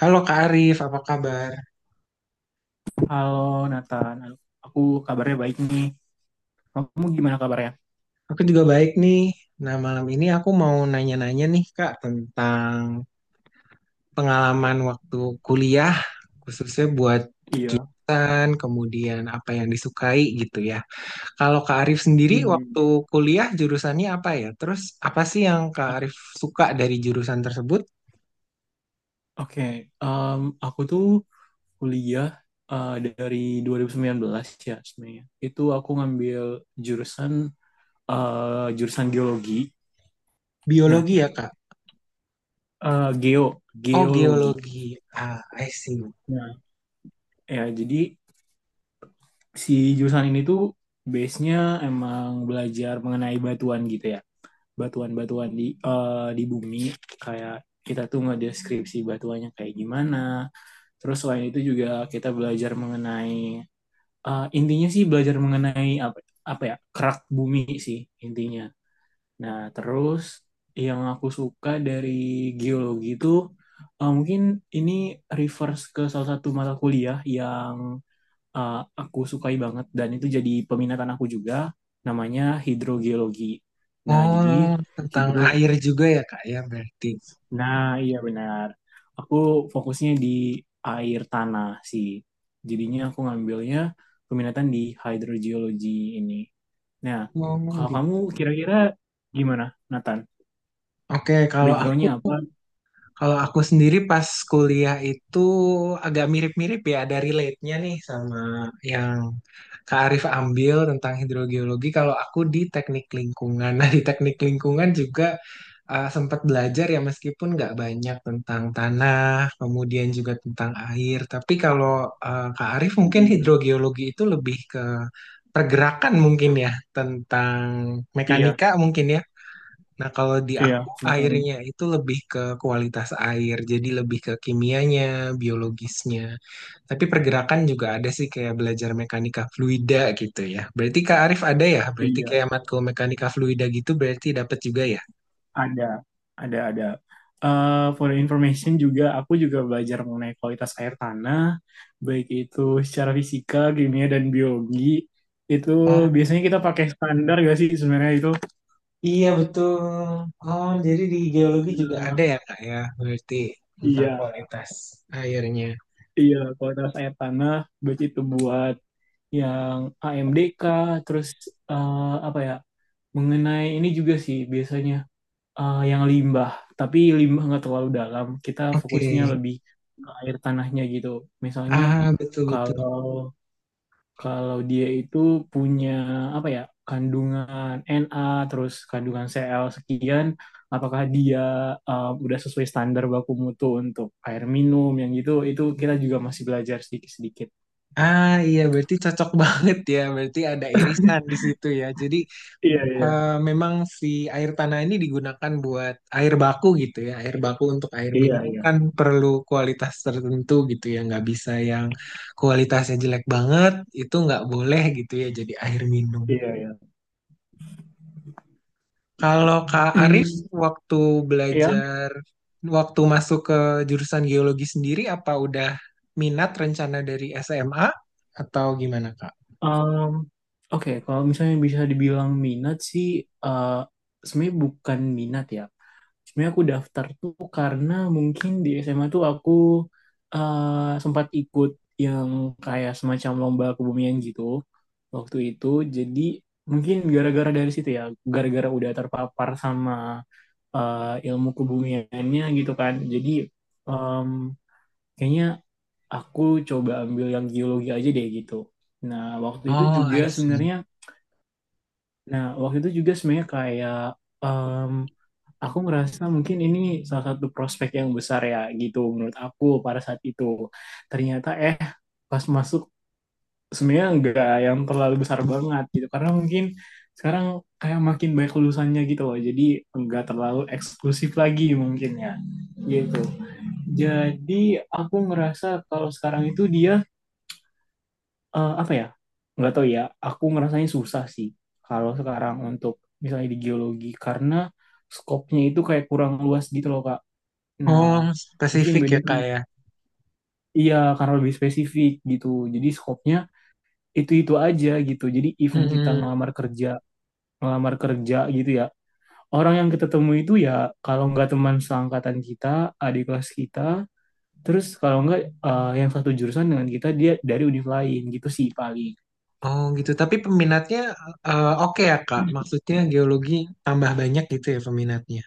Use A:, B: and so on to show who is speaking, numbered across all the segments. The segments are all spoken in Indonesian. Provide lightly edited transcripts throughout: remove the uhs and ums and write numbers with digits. A: Halo Kak Arif, apa kabar?
B: Halo Nathan, aku kabarnya baik nih. Kamu gimana kabarnya?
A: Aku juga baik nih. Nah, malam ini aku mau nanya-nanya nih Kak tentang pengalaman waktu kuliah, khususnya buat
B: Iya.
A: jurusan, kemudian apa yang disukai gitu ya. Kalau Kak Arif sendiri
B: Hmm.
A: waktu kuliah jurusannya apa ya? Terus apa sih yang Kak
B: O-
A: Arif suka dari jurusan tersebut?
B: Oke. Aku tuh kuliah dari 2019 ya sebenarnya. Itu aku ngambil jurusan jurusan geologi. Nah,
A: Biologi ya Kak?
B: eh, geo
A: Oh,
B: geologi.
A: geologi. Ah, I see.
B: Nah, ya jadi si jurusan ini tuh base-nya emang belajar mengenai batuan gitu ya. Batuan-batuan di bumi, kayak kita tuh ngedeskripsi batuannya kayak gimana. Terus selain itu juga kita belajar mengenai, intinya sih belajar mengenai apa apa ya, kerak bumi sih intinya. Nah terus yang aku suka dari geologi itu, mungkin ini reverse ke salah satu mata kuliah yang eh, aku sukai banget dan itu jadi peminatan aku juga, namanya hidrogeologi. Nah jadi.
A: Oh, tentang
B: hidro
A: air juga ya Kak ya berarti.
B: Nah, iya benar. Aku fokusnya di air tanah sih. Jadinya aku ngambilnya peminatan di hydrogeology ini. Nah,
A: Oh,
B: kalau kamu
A: gitu.
B: kira-kira gimana, Nathan?
A: Oke, kalau aku
B: Backgroundnya apa?
A: Kalau aku sendiri pas kuliah itu agak mirip-mirip ya, ada relate-nya nih sama yang Kak Arif ambil tentang hidrogeologi. Kalau aku di teknik lingkungan, nah di teknik lingkungan juga sempat belajar ya meskipun nggak banyak tentang tanah, kemudian juga tentang air. Tapi kalau Kak Arif mungkin
B: Hmm,
A: hidrogeologi itu lebih ke pergerakan mungkin ya, tentang
B: iya,
A: mekanika mungkin ya. Nah, kalau di
B: iya,
A: aku
B: mekanik.
A: airnya itu lebih ke kualitas air, jadi lebih ke kimianya, biologisnya. Tapi pergerakan juga ada sih kayak belajar mekanika fluida gitu ya. Berarti Kak Arif ada ya? Berarti
B: Iya,
A: kayak matkul mekanika fluida gitu berarti dapat juga ya?
B: ada, ada, ada. For your information juga, aku juga belajar mengenai kualitas air tanah, baik itu secara fisika, kimia, dan biologi. Itu
A: Ah,
B: biasanya kita pakai standar gak sih sebenarnya itu?
A: iya betul. Oh, jadi di geologi juga
B: Nah,
A: ada ya Kak ya? Berarti tentang
B: iya,
A: kualitas airnya.
B: iya, kualitas air tanah, baik itu buat yang AMDK, terus eh, apa ya, mengenai ini juga sih biasanya yang limbah, tapi limbah nggak terlalu dalam, kita
A: Oke.
B: fokusnya lebih ke air tanahnya gitu. Misalnya
A: Ah,
B: kalau
A: betul-betul.
B: kalau dia itu punya, apa ya, kandungan Na terus kandungan Cl sekian, apakah dia udah sesuai standar baku mutu untuk air minum, yang gitu itu kita juga masih belajar sedikit-sedikit.
A: Ah, iya berarti cocok banget ya, berarti ada irisan di situ ya. Jadi
B: Iya, iya,
A: memang si air tanah ini digunakan buat air baku gitu ya, air baku untuk air
B: iya,
A: minum
B: iya,
A: kan perlu kualitas tertentu gitu ya, nggak bisa yang kualitasnya jelek banget, itu nggak boleh gitu ya jadi air minum.
B: iya, iya.
A: Kalau Kak Arif
B: Hmm,
A: waktu
B: ya.
A: belajar waktu masuk ke jurusan geologi sendiri apa udah minat rencana dari SMA atau gimana Kak?
B: um, Oke, kalau misalnya bisa dibilang minat sih, eh sebenarnya bukan minat ya. Sebenarnya aku daftar tuh karena mungkin di SMA tuh aku sempat ikut yang kayak semacam lomba kebumian gitu waktu itu. Jadi mungkin gara-gara dari situ ya, gara-gara udah terpapar sama ilmu kebumiannya gitu kan. Jadi em, kayaknya aku coba ambil yang geologi aja deh gitu. Nah waktu itu
A: Oh,
B: juga
A: I see.
B: sebenarnya, nah, waktu itu juga sebenarnya kayak aku ngerasa mungkin ini salah satu prospek yang besar ya gitu menurut aku pada saat itu. Ternyata pas masuk sebenarnya nggak yang terlalu besar banget gitu, karena mungkin sekarang kayak makin banyak lulusannya gitu loh. Jadi nggak terlalu eksklusif lagi mungkin ya gitu. Jadi aku ngerasa kalau sekarang itu dia, apa ya? Nggak tahu ya. Aku ngerasanya susah sih kalau sekarang, untuk misalnya di geologi, karena skopnya itu kayak kurang luas gitu loh, Kak. Nah,
A: Oh,
B: mungkin
A: spesifik
B: beda
A: ya,
B: kan?
A: Kak ya.
B: Iya, karena lebih spesifik gitu. Jadi skopnya itu-itu aja gitu. Jadi even kita
A: Mm-mm.
B: ngelamar kerja gitu ya. Orang yang kita temui itu ya kalau nggak teman seangkatan kita, adik kelas kita, terus kalau nggak yang satu jurusan dengan kita, dia dari univ lain gitu sih paling.
A: Oh, gitu. Tapi peminatnya oke ya, Kak. Maksudnya geologi tambah banyak gitu ya peminatnya.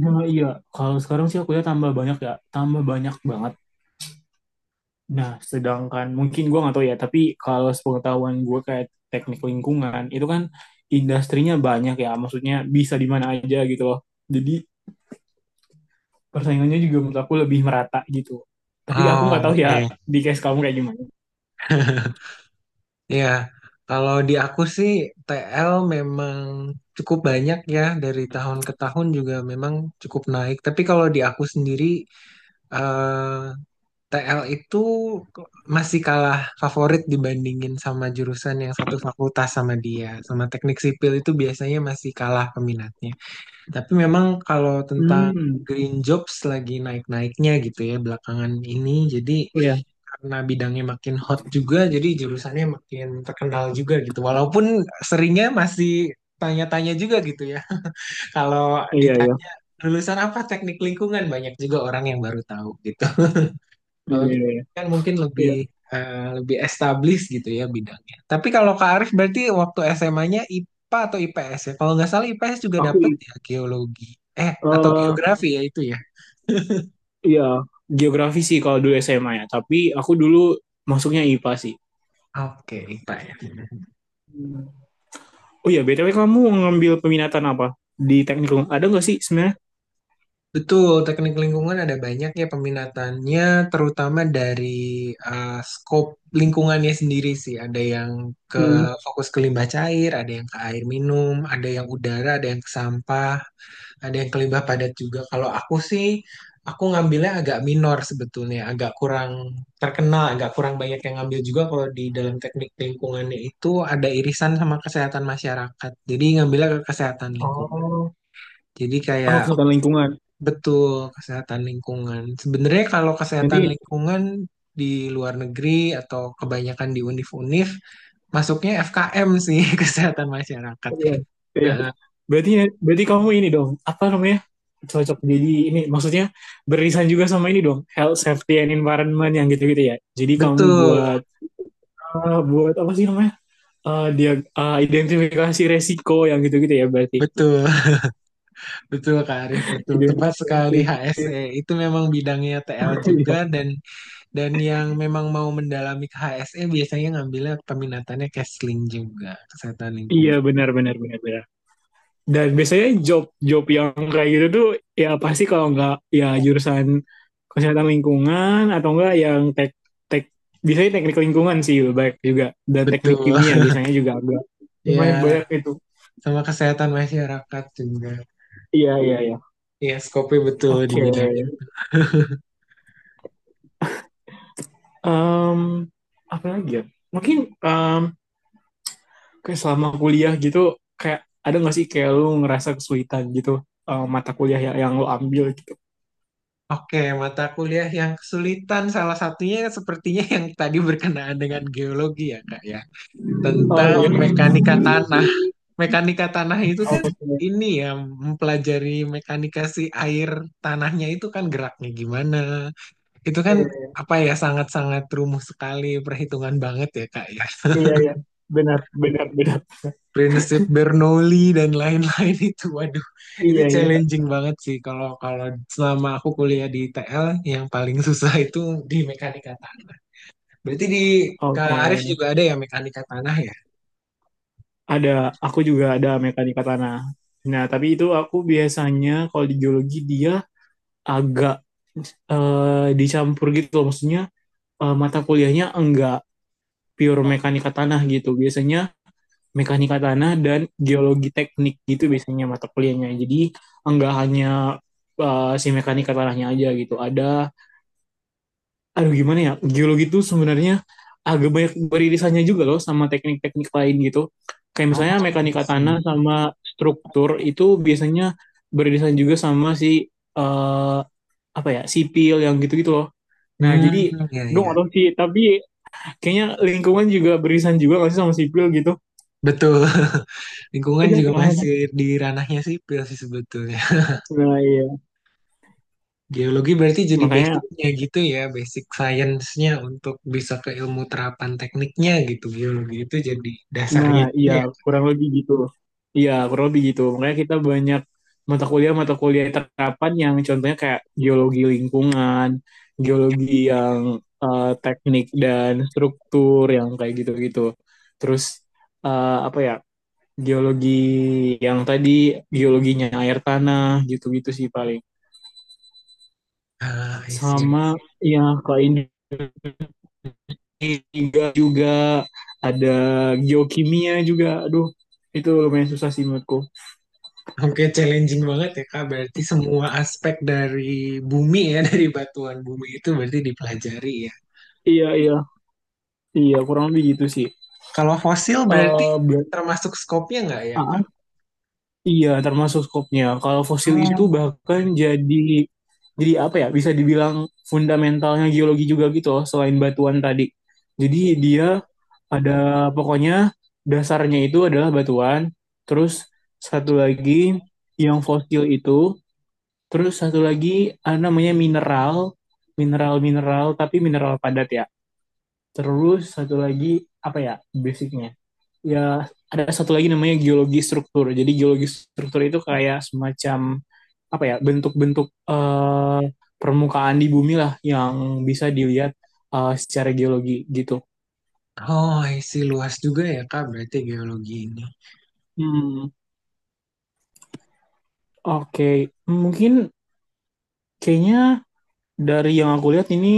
B: Nah, iya, kalau sekarang sih aku ya, tambah banyak banget. Nah, sedangkan mungkin gue nggak tahu ya, tapi kalau sepengetahuan gue kayak teknik lingkungan, itu kan industrinya banyak ya, maksudnya bisa di mana aja gitu loh. Jadi persaingannya juga menurut aku lebih merata gitu. Tapi aku
A: Oh,
B: nggak tahu ya
A: oke.
B: di case kamu kayak gimana.
A: Iya, kalau di aku sih TL memang cukup banyak ya, dari tahun ke tahun juga memang cukup naik. Tapi kalau di aku sendiri eh, TL itu masih kalah favorit dibandingin sama jurusan yang satu fakultas sama dia. Sama teknik sipil itu biasanya masih kalah peminatnya. Tapi memang kalau tentang
B: Hmm,
A: green jobs lagi naik-naiknya gitu ya belakangan ini. Jadi
B: iya,
A: karena bidangnya makin hot juga, jadi jurusannya makin terkenal juga gitu. Walaupun seringnya masih tanya-tanya juga gitu ya. Kalau
B: iya, iya,
A: ditanya lulusan apa teknik lingkungan, banyak juga orang yang baru tahu gitu.
B: iya,
A: Kalau gitu
B: iya, iya.
A: kan mungkin lebih
B: Iya.
A: eh, lebih established gitu ya bidangnya. Tapi kalau Kak Arif berarti waktu SMA-nya IPA atau IPS ya? Kalau nggak salah IPS juga
B: Aku,
A: dapet ya geologi. Eh, atau
B: eh
A: geografi ya itu ya.
B: iya, Geografi sih kalau dulu SMA ya, tapi aku dulu masuknya IPA sih.
A: Oke, IPA ya.
B: Hmm. Oh iya, BTW kamu ngambil peminatan apa? Di teknik lingkungan? Ada nggak sih sebenarnya?
A: Betul, teknik lingkungan ada banyak ya peminatannya, terutama dari skop lingkungannya sendiri sih. Ada yang ke
B: Hmm.
A: fokus ke limbah cair, ada yang ke air minum, ada yang udara, ada yang ke sampah, ada yang kelibah padat juga. Kalau aku sih, aku ngambilnya agak minor sebetulnya, agak kurang terkenal, agak kurang banyak yang ngambil juga. Kalau di dalam teknik lingkungannya itu ada irisan sama kesehatan masyarakat, jadi ngambilnya ke kesehatan lingkungan.
B: Oh,
A: Jadi
B: oh,
A: kayak
B: kesehatan lingkungan.
A: betul, kesehatan lingkungan. Sebenarnya kalau kesehatan
B: Nanti
A: lingkungan di luar negeri atau kebanyakan di univ-univ masuknya FKM sih, kesehatan masyarakat.
B: iya, iya.
A: Nah,
B: Berarti berarti kamu ini dong, apa namanya? Cocok jadi ini maksudnya beririsan juga sama ini dong, health, safety and environment yang gitu-gitu ya. Jadi kamu
A: betul,
B: buat apa sih namanya? Dia identifikasi resiko yang gitu-gitu ya berarti.
A: betul. Betul Kak Arif, betul. Tepat
B: Identifikasi.
A: sekali, HSE. Itu memang bidangnya TL
B: Iya,
A: juga, dan yang memang mau mendalami ke HSE biasanya ngambilnya peminatannya Kesling juga, kesehatan
B: iya
A: lingkungan.
B: benar benar benar benar. Dan biasanya job job yang kayak gitu tuh, ya pasti kalau nggak ya jurusan kesehatan lingkungan, atau enggak yang tek tek biasanya teknik lingkungan sih lebih baik juga, dan teknik
A: Betul.
B: kimia biasanya juga agak
A: Ya,
B: lumayan banyak itu.
A: sama kesehatan masyarakat juga.
B: Iya, iya, iya.
A: Ya, skopnya betul di
B: Oke.
A: bidang ini.
B: Em, apa lagi ya, mungkin em, kayak selama kuliah gitu kayak ada nggak sih kayak lu ngerasa kesulitan gitu, mata kuliah yang lu ambil gitu.
A: Oke, mata kuliah yang kesulitan salah satunya sepertinya yang tadi berkenaan dengan geologi ya, Kak ya.
B: Oh
A: Tentang
B: iya.
A: mekanika tanah. Mekanika tanah itu kan ini ya, mempelajari mekanika si air tanahnya itu kan geraknya gimana. Itu kan
B: Iya,
A: apa ya, sangat-sangat rumit sekali perhitungan banget ya Kak ya.
B: iya, iya. Benar benar benar.
A: Prinsip Bernoulli dan lain-lain, itu waduh, itu
B: Iya, iya.
A: challenging banget sih. Kalau kalau selama aku kuliah di TL yang paling susah itu di mekanika tanah. Berarti di Kak
B: Oke,
A: Arif juga ada ya mekanika tanah ya?
B: ada. Aku juga ada mekanika tanah. Nah, tapi itu aku biasanya kalau di geologi dia agak dicampur gitu loh. Maksudnya mata kuliahnya enggak pure mekanika tanah gitu. Biasanya mekanika tanah dan geologi teknik gitu biasanya mata kuliahnya. Jadi enggak hanya si mekanika tanahnya aja gitu. Ada aduh gimana ya, geologi itu sebenarnya agak banyak beririsannya juga loh sama teknik-teknik lain gitu, kayak
A: Oh,
B: misalnya
A: I
B: mekanika tanah
A: see.
B: sama struktur itu biasanya beririsan juga sama si eh, apa ya sipil yang gitu-gitu loh. Nah jadi,
A: Hmm, ya
B: dong
A: ya.
B: atau tahu sih tapi kayaknya lingkungan juga beririsan juga nggak sih sama sipil gitu.
A: Betul, lingkungan
B: Iya
A: juga
B: kan.
A: masih di ranahnya sipil sih sebetulnya.
B: Nah iya
A: Geologi berarti jadi
B: makanya.
A: basicnya gitu ya, basic science-nya untuk bisa ke ilmu terapan tekniknya gitu. Geologi itu jadi
B: Nah,
A: dasarnya, gitu
B: iya,
A: ya.
B: kurang lebih gitu. Iya, kurang lebih gitu. Makanya kita banyak mata kuliah-mata kuliah terapan yang contohnya kayak geologi lingkungan, geologi yang teknik dan struktur yang kayak gitu-gitu. Terus apa ya? Geologi yang tadi, geologinya air tanah gitu-gitu sih paling,
A: Ah, I see.
B: sama ya ke Indonesia juga ada geokimia juga, aduh itu lumayan susah sih menurutku.
A: Oke, challenging banget ya Kak. Berarti semua aspek dari bumi ya, dari batuan bumi itu berarti dipelajari ya.
B: Iya, iya, iya, kurang lebih gitu sih.
A: Kalau fosil berarti
B: eh ber-
A: termasuk skopnya nggak ya Kak?
B: ah, iya, termasuk skopnya. Kalau fosil itu
A: Oh,
B: bahkan jadi apa ya? Bisa dibilang fundamentalnya geologi juga gitu loh, selain batuan tadi. Jadi dia ada, pokoknya dasarnya itu adalah batuan, terus satu lagi yang fosil itu, terus satu lagi ada namanya mineral, mineral-mineral tapi mineral padat ya. Terus satu lagi apa ya? Basicnya ya ada satu lagi namanya geologi struktur. Jadi geologi struktur itu kayak semacam, apa ya, bentuk-bentuk permukaan di bumi lah yang bisa dilihat secara geologi gitu.
A: oh, I see. Luas juga ya Kak, berarti geologi ini.
B: Hmm, oke. Okay. Mungkin kayaknya dari yang aku lihat ini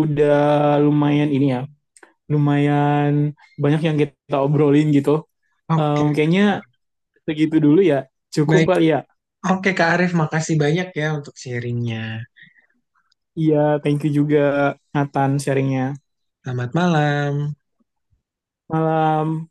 B: udah lumayan ini ya, lumayan banyak yang kita obrolin gitu. Em,
A: Oke,
B: kayaknya segitu dulu ya. Cukup
A: baik.
B: kali ya.
A: Oke, Kak Arif, makasih banyak ya untuk sharingnya.
B: Iya, thank you juga Nathan sharingnya.
A: Selamat malam.
B: Malam.